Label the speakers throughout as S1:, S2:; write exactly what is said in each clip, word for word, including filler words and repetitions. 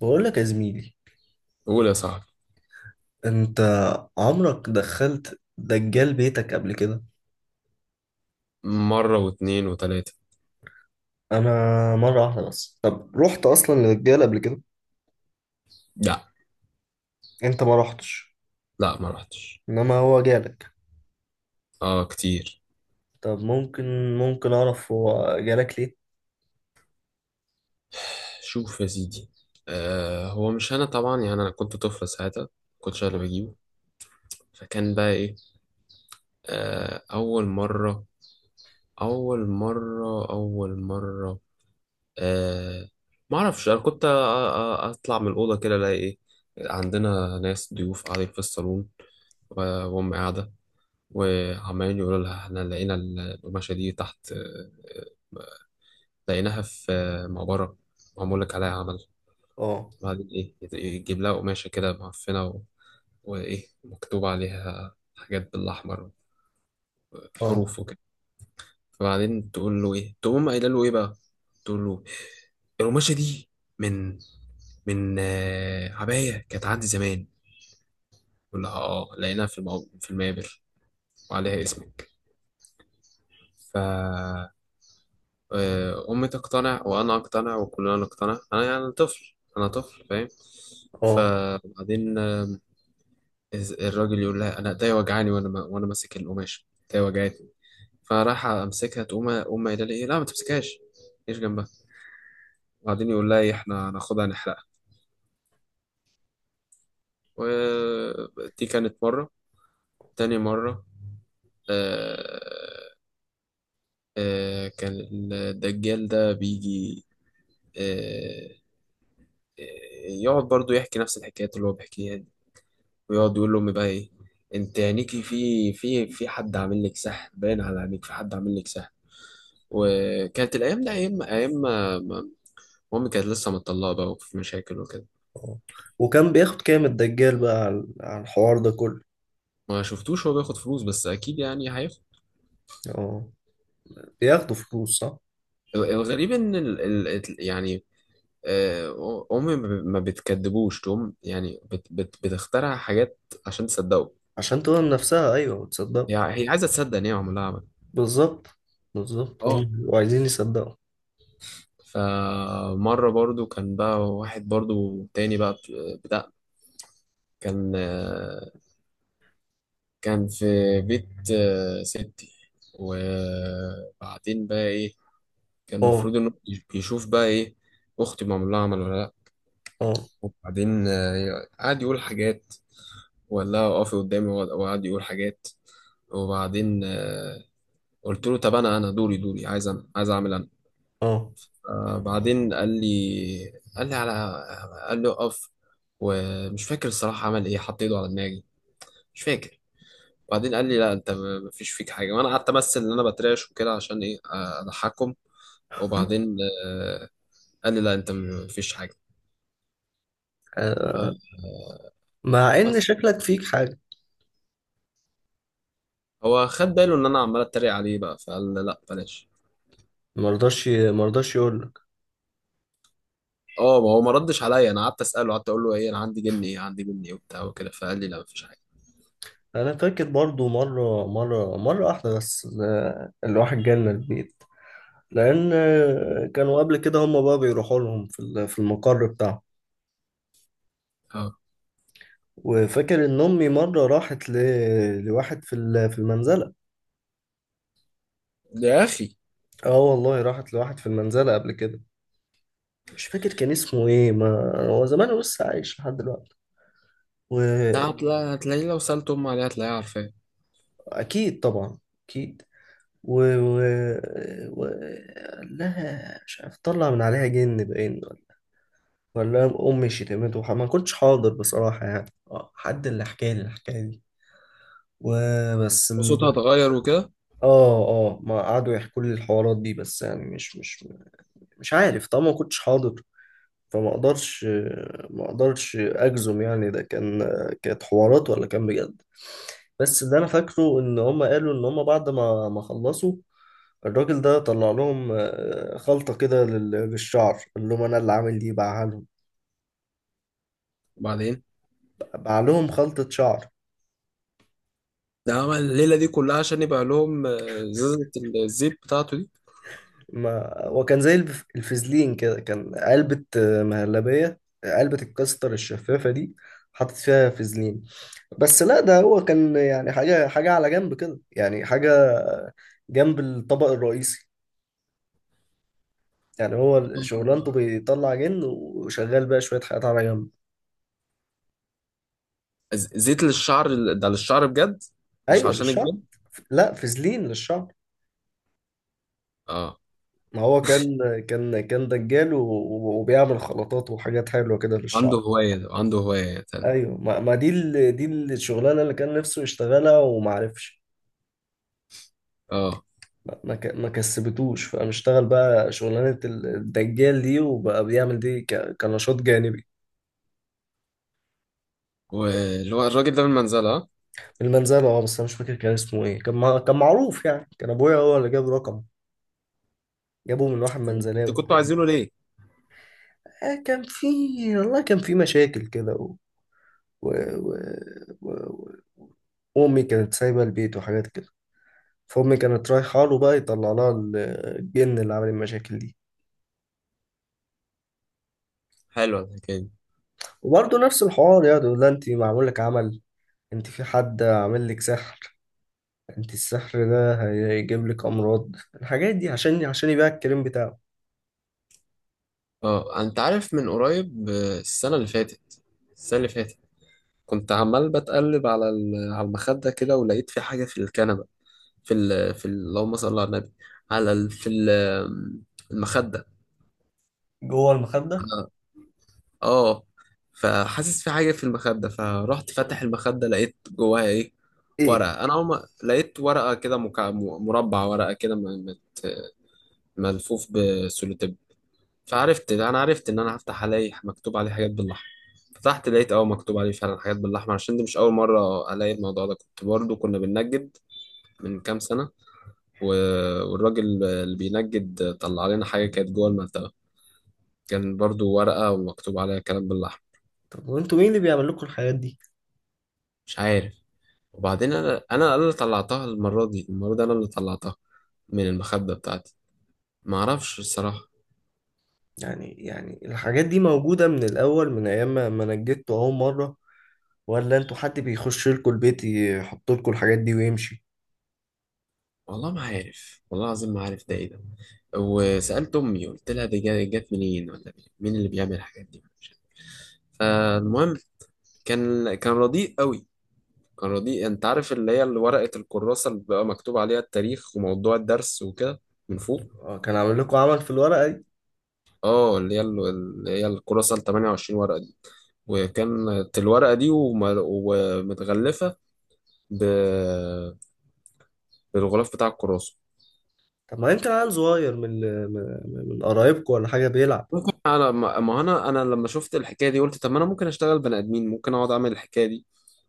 S1: بقول لك يا زميلي،
S2: قول يا صاحبي.
S1: انت عمرك دخلت دجال بيتك قبل كده؟
S2: مرة واتنين وتلاتة.
S1: انا مره واحده بس. طب رحت اصلا لدجال قبل كده؟
S2: لا،
S1: انت ما رحتش؟
S2: لا ما رحتش.
S1: انما هو جالك؟
S2: اه كتير.
S1: طب ممكن، ممكن اعرف هو جالك ليه؟
S2: شوف يا سيدي، آه هو مش انا طبعا، يعني انا كنت طفل ساعتها، كنتش أنا اللي بجيبه. فكان بقى ايه؟ آه اول مرة. اول مرة اول مرة آه ما اعرفش، انا كنت أ- أ- اطلع من الاوضة كده الاقي ايه؟ عندنا ناس ضيوف قاعدين في الصالون، و- وام قاعدة وعمالين يقولوا لها احنا لقينا القماشة دي تحت، آه، لقيناها في مقبرة، معمول لك عليها عمل.
S1: اه،
S2: بعدين إيه، يت- يجيب لها قماشة كده معفنة و... وإيه مكتوب عليها حاجات بالأحمر،
S1: اه، اه،
S2: حروف وكده. فبعدين تقول له إيه، تقوم قايلة له إيه بقى، تقول له القماشة دي من من، آه، عباية كانت عندي زمان. يقول لها آه لقيناها في المقب... في المقابر وعليها اسمك. ف آه، أمي تقتنع وأنا أقتنع وكلنا نقتنع، أنا يعني طفل، أنا طفل فاهم.
S1: اه،
S2: فبعدين إز- الراجل يقول لها انا ايديا وجعاني، وانا ما- وانا ماسك القماش ايديا وجعتني. فراح امسكها تقوم امي قايله لي إيه، لا ما تمسكهاش، ايش جنبها. وبعدين يقول لها ايه، احنا هناخدها نحرقها. ودي كانت مره. تاني مره، آه، آه كان الدجال ده بيجي. آه آه، يقعد برضو يحكي نفس الحكايات اللي هو بيحكيها دي، ويقعد يقول لامي بقى ايه، انت عينيكي في في في حد عامل لك سحر، باين على عينيك في حد عامل لك سحر. وكانت الايام دي ايام ايام ما ما- مامي كانت لسه مطلقه بقى وفي مشاكل وكده.
S1: وكان بياخد كام الدجال بقى على على الحوار ده كله؟
S2: ما شفتوش هو بياخد فلوس، بس اكيد يعني هياخد.
S1: اه، بياخدوا فلوس صح؟
S2: ال- الغريب ان ال... ال... ال- يعني، آه، امي ما ب- ما بتكدبوش، تقوم يعني بت... بت... بتخترع حاجات عشان تصدقه.
S1: عشان تقول نفسها ايوه وتصدق.
S2: هي هي عايزه تصدق ان هي عملها عمل.
S1: بالظبط، بالظبط
S2: اه.
S1: هم بيبقوا عايزين يصدقوا.
S2: فمره برضو كان بقى واحد برضو تاني بقى بت- بتاع، كان آه، كان في بيت آه، ستي. وبعدين بقى ايه، كان المفروض
S1: اه،
S2: انه يش- يشوف بقى ايه اختي معمول لها عمل ولا لا.
S1: اه،
S2: وبعدين آه، قعد يقول حاجات، ولا اقفي قدامي وقعد وقعد يقول حاجات. وبعدين آه، قلت له طب انا، انا دوري دوري عايز، أنا عايز اعمل انا.
S1: اه.
S2: آه، بعدين قال لي قال لي على، قال لي اقف. ومش فاكر الصراحه عمل ايه، حط ايده على دماغي، مش فاكر. بعدين قال لي لا انت م- مفيش فيك حاجه. وانا قعدت امثل ان انا بترعش وكده عشان ايه، آه، اضحكهم. وبعدين آه، قال لي لا انت مفيش حاجه. آه،
S1: مع ان
S2: بس
S1: شكلك فيك حاجه.
S2: هو خد باله ان انا عمال اتريق عليه بقى، فقال لي لا بلاش.
S1: مرضاش مرضاش يقول لك.
S2: اه ما هو ما ردش عليا، انا قعدت اساله قعدت اقول له ايه، انا عندي جني، ايه عندي جني وبتاع وكده، فقال لي لا مفيش حاجه.
S1: انا فاكر برضو مره مره مره واحده بس، آه، الواحد جالنا البيت. لان آه، كانوا قبل كده هم بقى بيروحوا لهم في ال- في المقر بتاعهم.
S2: اه.
S1: وفاكر ان امي مره راحت ل... لواحد في ال- في المنزله.
S2: يا اخي
S1: اه والله راحت لواحد في المنزله قبل كده. مش فاكر كان اسمه ايه، ما هو زمان، هو لسه عايش لحد دلوقتي.
S2: ده هتلا- هتلاقيه، لو سالت امي عليها هتلاقيها عارفاه.
S1: واكيد طبعا، اكيد. و... و... و... قال لها مش عارف طلع من عليها جن باين، ولا امي شتمته وح- ما كنتش حاضر بصراحه، يعني اه حد اللي حكى لي الحكايه دي وبس.
S2: وصوتها
S1: ال-
S2: اتغير وكده.
S1: اه، اه، ما قعدوا يحكوا لي الحوارات دي بس، يعني مش مش مش عارف طبعا ما كنتش حاضر، فما اقدرش، ما اقدرش اجزم يعني ده كان، كانت حوارات ولا كان بجد. بس اللي انا فاكره ان هم قالوا ان هم بعد ما ما خلصوا الراجل ده طلع لهم آه، خلطة كده لل- للشعر، قال لهم انا اللي عامل دي، باعها لهم.
S2: وبعدين
S1: باع لهم خلطة شعر.
S2: ده عمل الليله دي كلها عشان يبقى لهم آه، زازه، الزيت بتاعته دي.
S1: ما وكان زي الف- الفازلين كده، كان علبة آه، مهلبية، علبة الكاستر الشفافة دي، حاطط فيها فازلين. بس لا ده هو كان يعني حاجة، حاجة على جنب كده، يعني حاجة جنب الطبق الرئيسي. يعني هو شغلانته
S2: آه.
S1: بيطلع جن، وشغال بقى شوية حاجات على جنب.
S2: ز- زيت للشعر، ال- ده للشعر بجد، مش
S1: أيوة
S2: عشان
S1: للشعب.
S2: الجن.
S1: لا، فازلين للشعب.
S2: اه،
S1: ما هو كان، كان كان دجال و- و- وبيعمل خلطات وحاجات حلوة كده
S2: عنده
S1: للشعب.
S2: هوايه عنده هوايه تاني.
S1: أيوة، ما, ما دي ال... دي الشغلانة اللي كان نفسه يشتغلها ومعرفش،
S2: اه،
S1: ما ما ك- ما كسبتوش، فقام اشتغل بقى شغلانة الدجال دي، وبقى بيعمل دي ك... كنشاط جانبي.
S2: واللي هو الراجل ده من المنزله.
S1: المنزلة، اه. بس انا مش فاكر كان اسمه ايه، كان مع... كان معروف يعني، كان ابويا هو اللي جاب رقم، جابه من واحد
S2: طب انتوا
S1: منزلاوي.
S2: كنتوا عايزينه ليه؟
S1: آه كان في، والله كان في مشاكل كده و... و... و... و... و... امي كانت سايبة البيت وحاجات كده، فامي كانت رايحة له بقى يطلع لها ال- الجن اللي عمل المشاكل دي.
S2: حلوة الحكاية دي.
S1: وبرضه نفس الحوار، يعني يقول لها انت معمول لك عمل، انت في حد عامل لك سحر، انت السحر ده هيجيب لك امراض، الحاجات دي عشان عشان يبيع الكريم بتاعه.
S2: اه انت عارف، من قريب آه، السنة اللي فاتت، السنة اللي فاتت كنت عمال بتقلب على ال- على المخدة كده ولقيت في حاجة في الكنبة، في ال في ال- اللهم صل على النبي، على ال في ال آم، المخدة.
S1: جوه المخدة؟
S2: اه. فحاسس في حاجة في المخدة، فرحت فاتح المخدة لقيت جواها ايه؟
S1: ايه؟
S2: ورقة. انا اول ما لقيت ورقة كده مكع- مربع، ورقة كده م- مت- ملفوف بسولوتيب. فعرفت، انا عرفت ان انا هفتح الاقي مكتوب عليه حاجات باللحمه. فتحت لقيت اه مكتوب عليه فعلا حاجات باللحمه، عشان دي مش اول مره الاقي الموضوع ده، كنت برضو كنا بننجد من كام سنه، و... والراجل اللي بينجد طلع لنا حاجه كانت جوه المنطقه، كان برضو ورقه ومكتوب عليها كلام باللحمه.
S1: طب وانتوا مين اللي بيعمل لكم الحاجات دي؟
S2: مش عارف. وبعدين انا، انا اللي طلعتها المره دي، المره دي انا اللي طلعتها من المخده بتاعتي. ما اعرفش الصراحه.
S1: يعني يعني الحاجات دي موجودة من الأول من أيام ما ما نجدتوا أول مرة، ولا انتوا حد بيخش لكم البيت يحط لكم الحاجات دي ويمشي؟
S2: والله ما عارف، والله العظيم ما عارف ده ايه ده. وسألت أمي قلت لها دي جا- جت منين ولا مين، مين اللي بيعمل الحاجات دي، مش عارف. فالمهم، كان كان رديء قوي، كان رديء. انت عارف اللي هي، اللي ورقة الكراسة اللي بقى مكتوب عليها التاريخ وموضوع الدرس وكده من فوق؟
S1: اه، كان عامل لكم عمل في الورقة دي؟
S2: اه اللي هي ال- اللي هي الكراسة ال تمن وعشرين ورقة دي. وكانت الورقة دي وم- ومتغلفة ب... بالغلاف بتاع الكراسة.
S1: طب ما يمكن عيل صغير من ال- من من قرايبكم ولا حاجة بيلعب؟
S2: ممكن. على ما، ما انا انا لما شفت الحكايه دي قلت طب ما انا ممكن اشتغل بني ادمين، ممكن اقعد اعمل الحكايه دي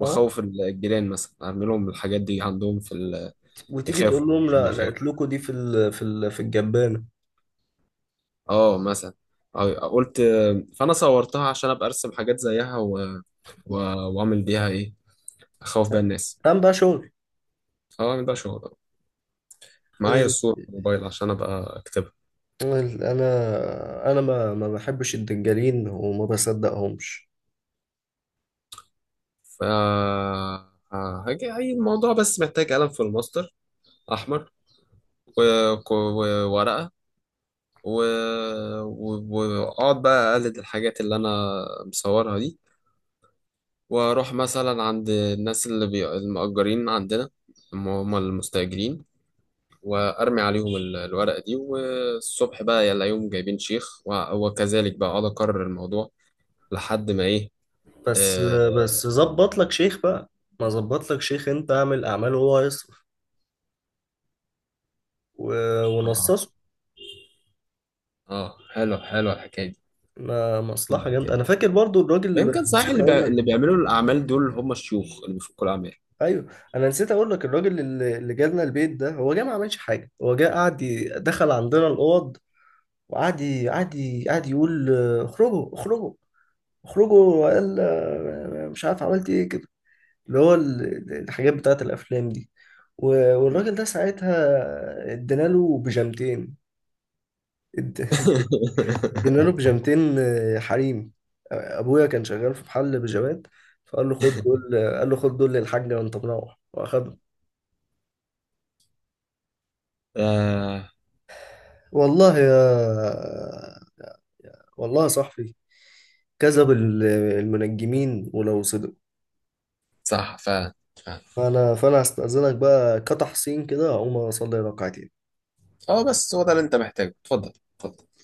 S1: اه،
S2: واخوف الجيران مثلا، اعمل لهم الحاجات دي عندهم في ال...
S1: وتيجي
S2: يخافوا،
S1: تقول لهم
S2: عشان
S1: لا لقيت
S2: يخافوا،
S1: لكم دي في ال في ال في الجبانة.
S2: اه مثلا. أو- قلت فانا صورتها عشان ابقى ارسم حاجات زيها و... و... واعمل بيها ايه، اخوف بيها الناس.
S1: قام بقى شغل.
S2: اه اعمل بقى شغل، معايا
S1: ال-
S2: الصور في الموبايل عشان ابقى اكتبها.
S1: انا، انا ما ما بحبش الدجالين وما بصدقهمش.
S2: ف هاجي أي الموضوع، بس محتاج قلم في الماستر احمر و... و... وورقه، و- و- واقعد بقى اقلد الحاجات اللي انا مصورها دي، واروح مثلا عند الناس اللي بي... المأجرين عندنا، هم هم المستأجرين، وارمي عليهم ال- الورقة دي، والصبح بقى يلاقيهم جايبين شيخ، و- وكذلك بقى اقعد اكرر الموضوع لحد ما ايه.
S1: بس
S2: اه.
S1: بس ظبط لك شيخ بقى، ما ظبط لك شيخ، انت اعمل اعمال وهو هيصرف، و-
S2: اه.
S1: ونصصه.
S2: آه، حلو حلو الحكاية دي.
S1: ما مصلحة
S2: الحكاية
S1: جامدة. انا
S2: دي.
S1: فاكر برضو الراجل،
S2: يمكن صحيح
S1: نسيت
S2: اللي بي...
S1: اقول لك.
S2: اللي بيعملوا الاعمال دول هم الشيوخ اللي بيفكوا الاعمال.
S1: ايوه، انا نسيت اقول لك الراجل اللي اللي جالنا البيت ده، هو جه ما عملش حاجة، هو جه قعد ي- دخل عندنا الاوض، وقعد ي- قعد ي- قعد يقول آه، اخرجوا، اخرجوا، اخرجوا، وقال آه، مش عارف عملت ايه كده، اللي هو ال- الحاجات بتاعت الافلام دي. و- والراجل ده ساعتها ادينا له بيجامتين، ادينا له بيجامتين آه، حريمي، آه، ابويا كان شغال في محل بيجامات، فقال له خد دول، آه، قال له خد دول للحاج وانت مروح واخده.
S2: آه،
S1: والله يا والله يا صاحبي، كذب ال- المنجمين ولو صدق.
S2: صح فعلا فعلا.
S1: فانا، فانا هستأذنك بقى كتحسين كده اقوم اصلي ركعتين.
S2: اه بس هو ده اللي انت محتاجه، اتفضل، اتفضل.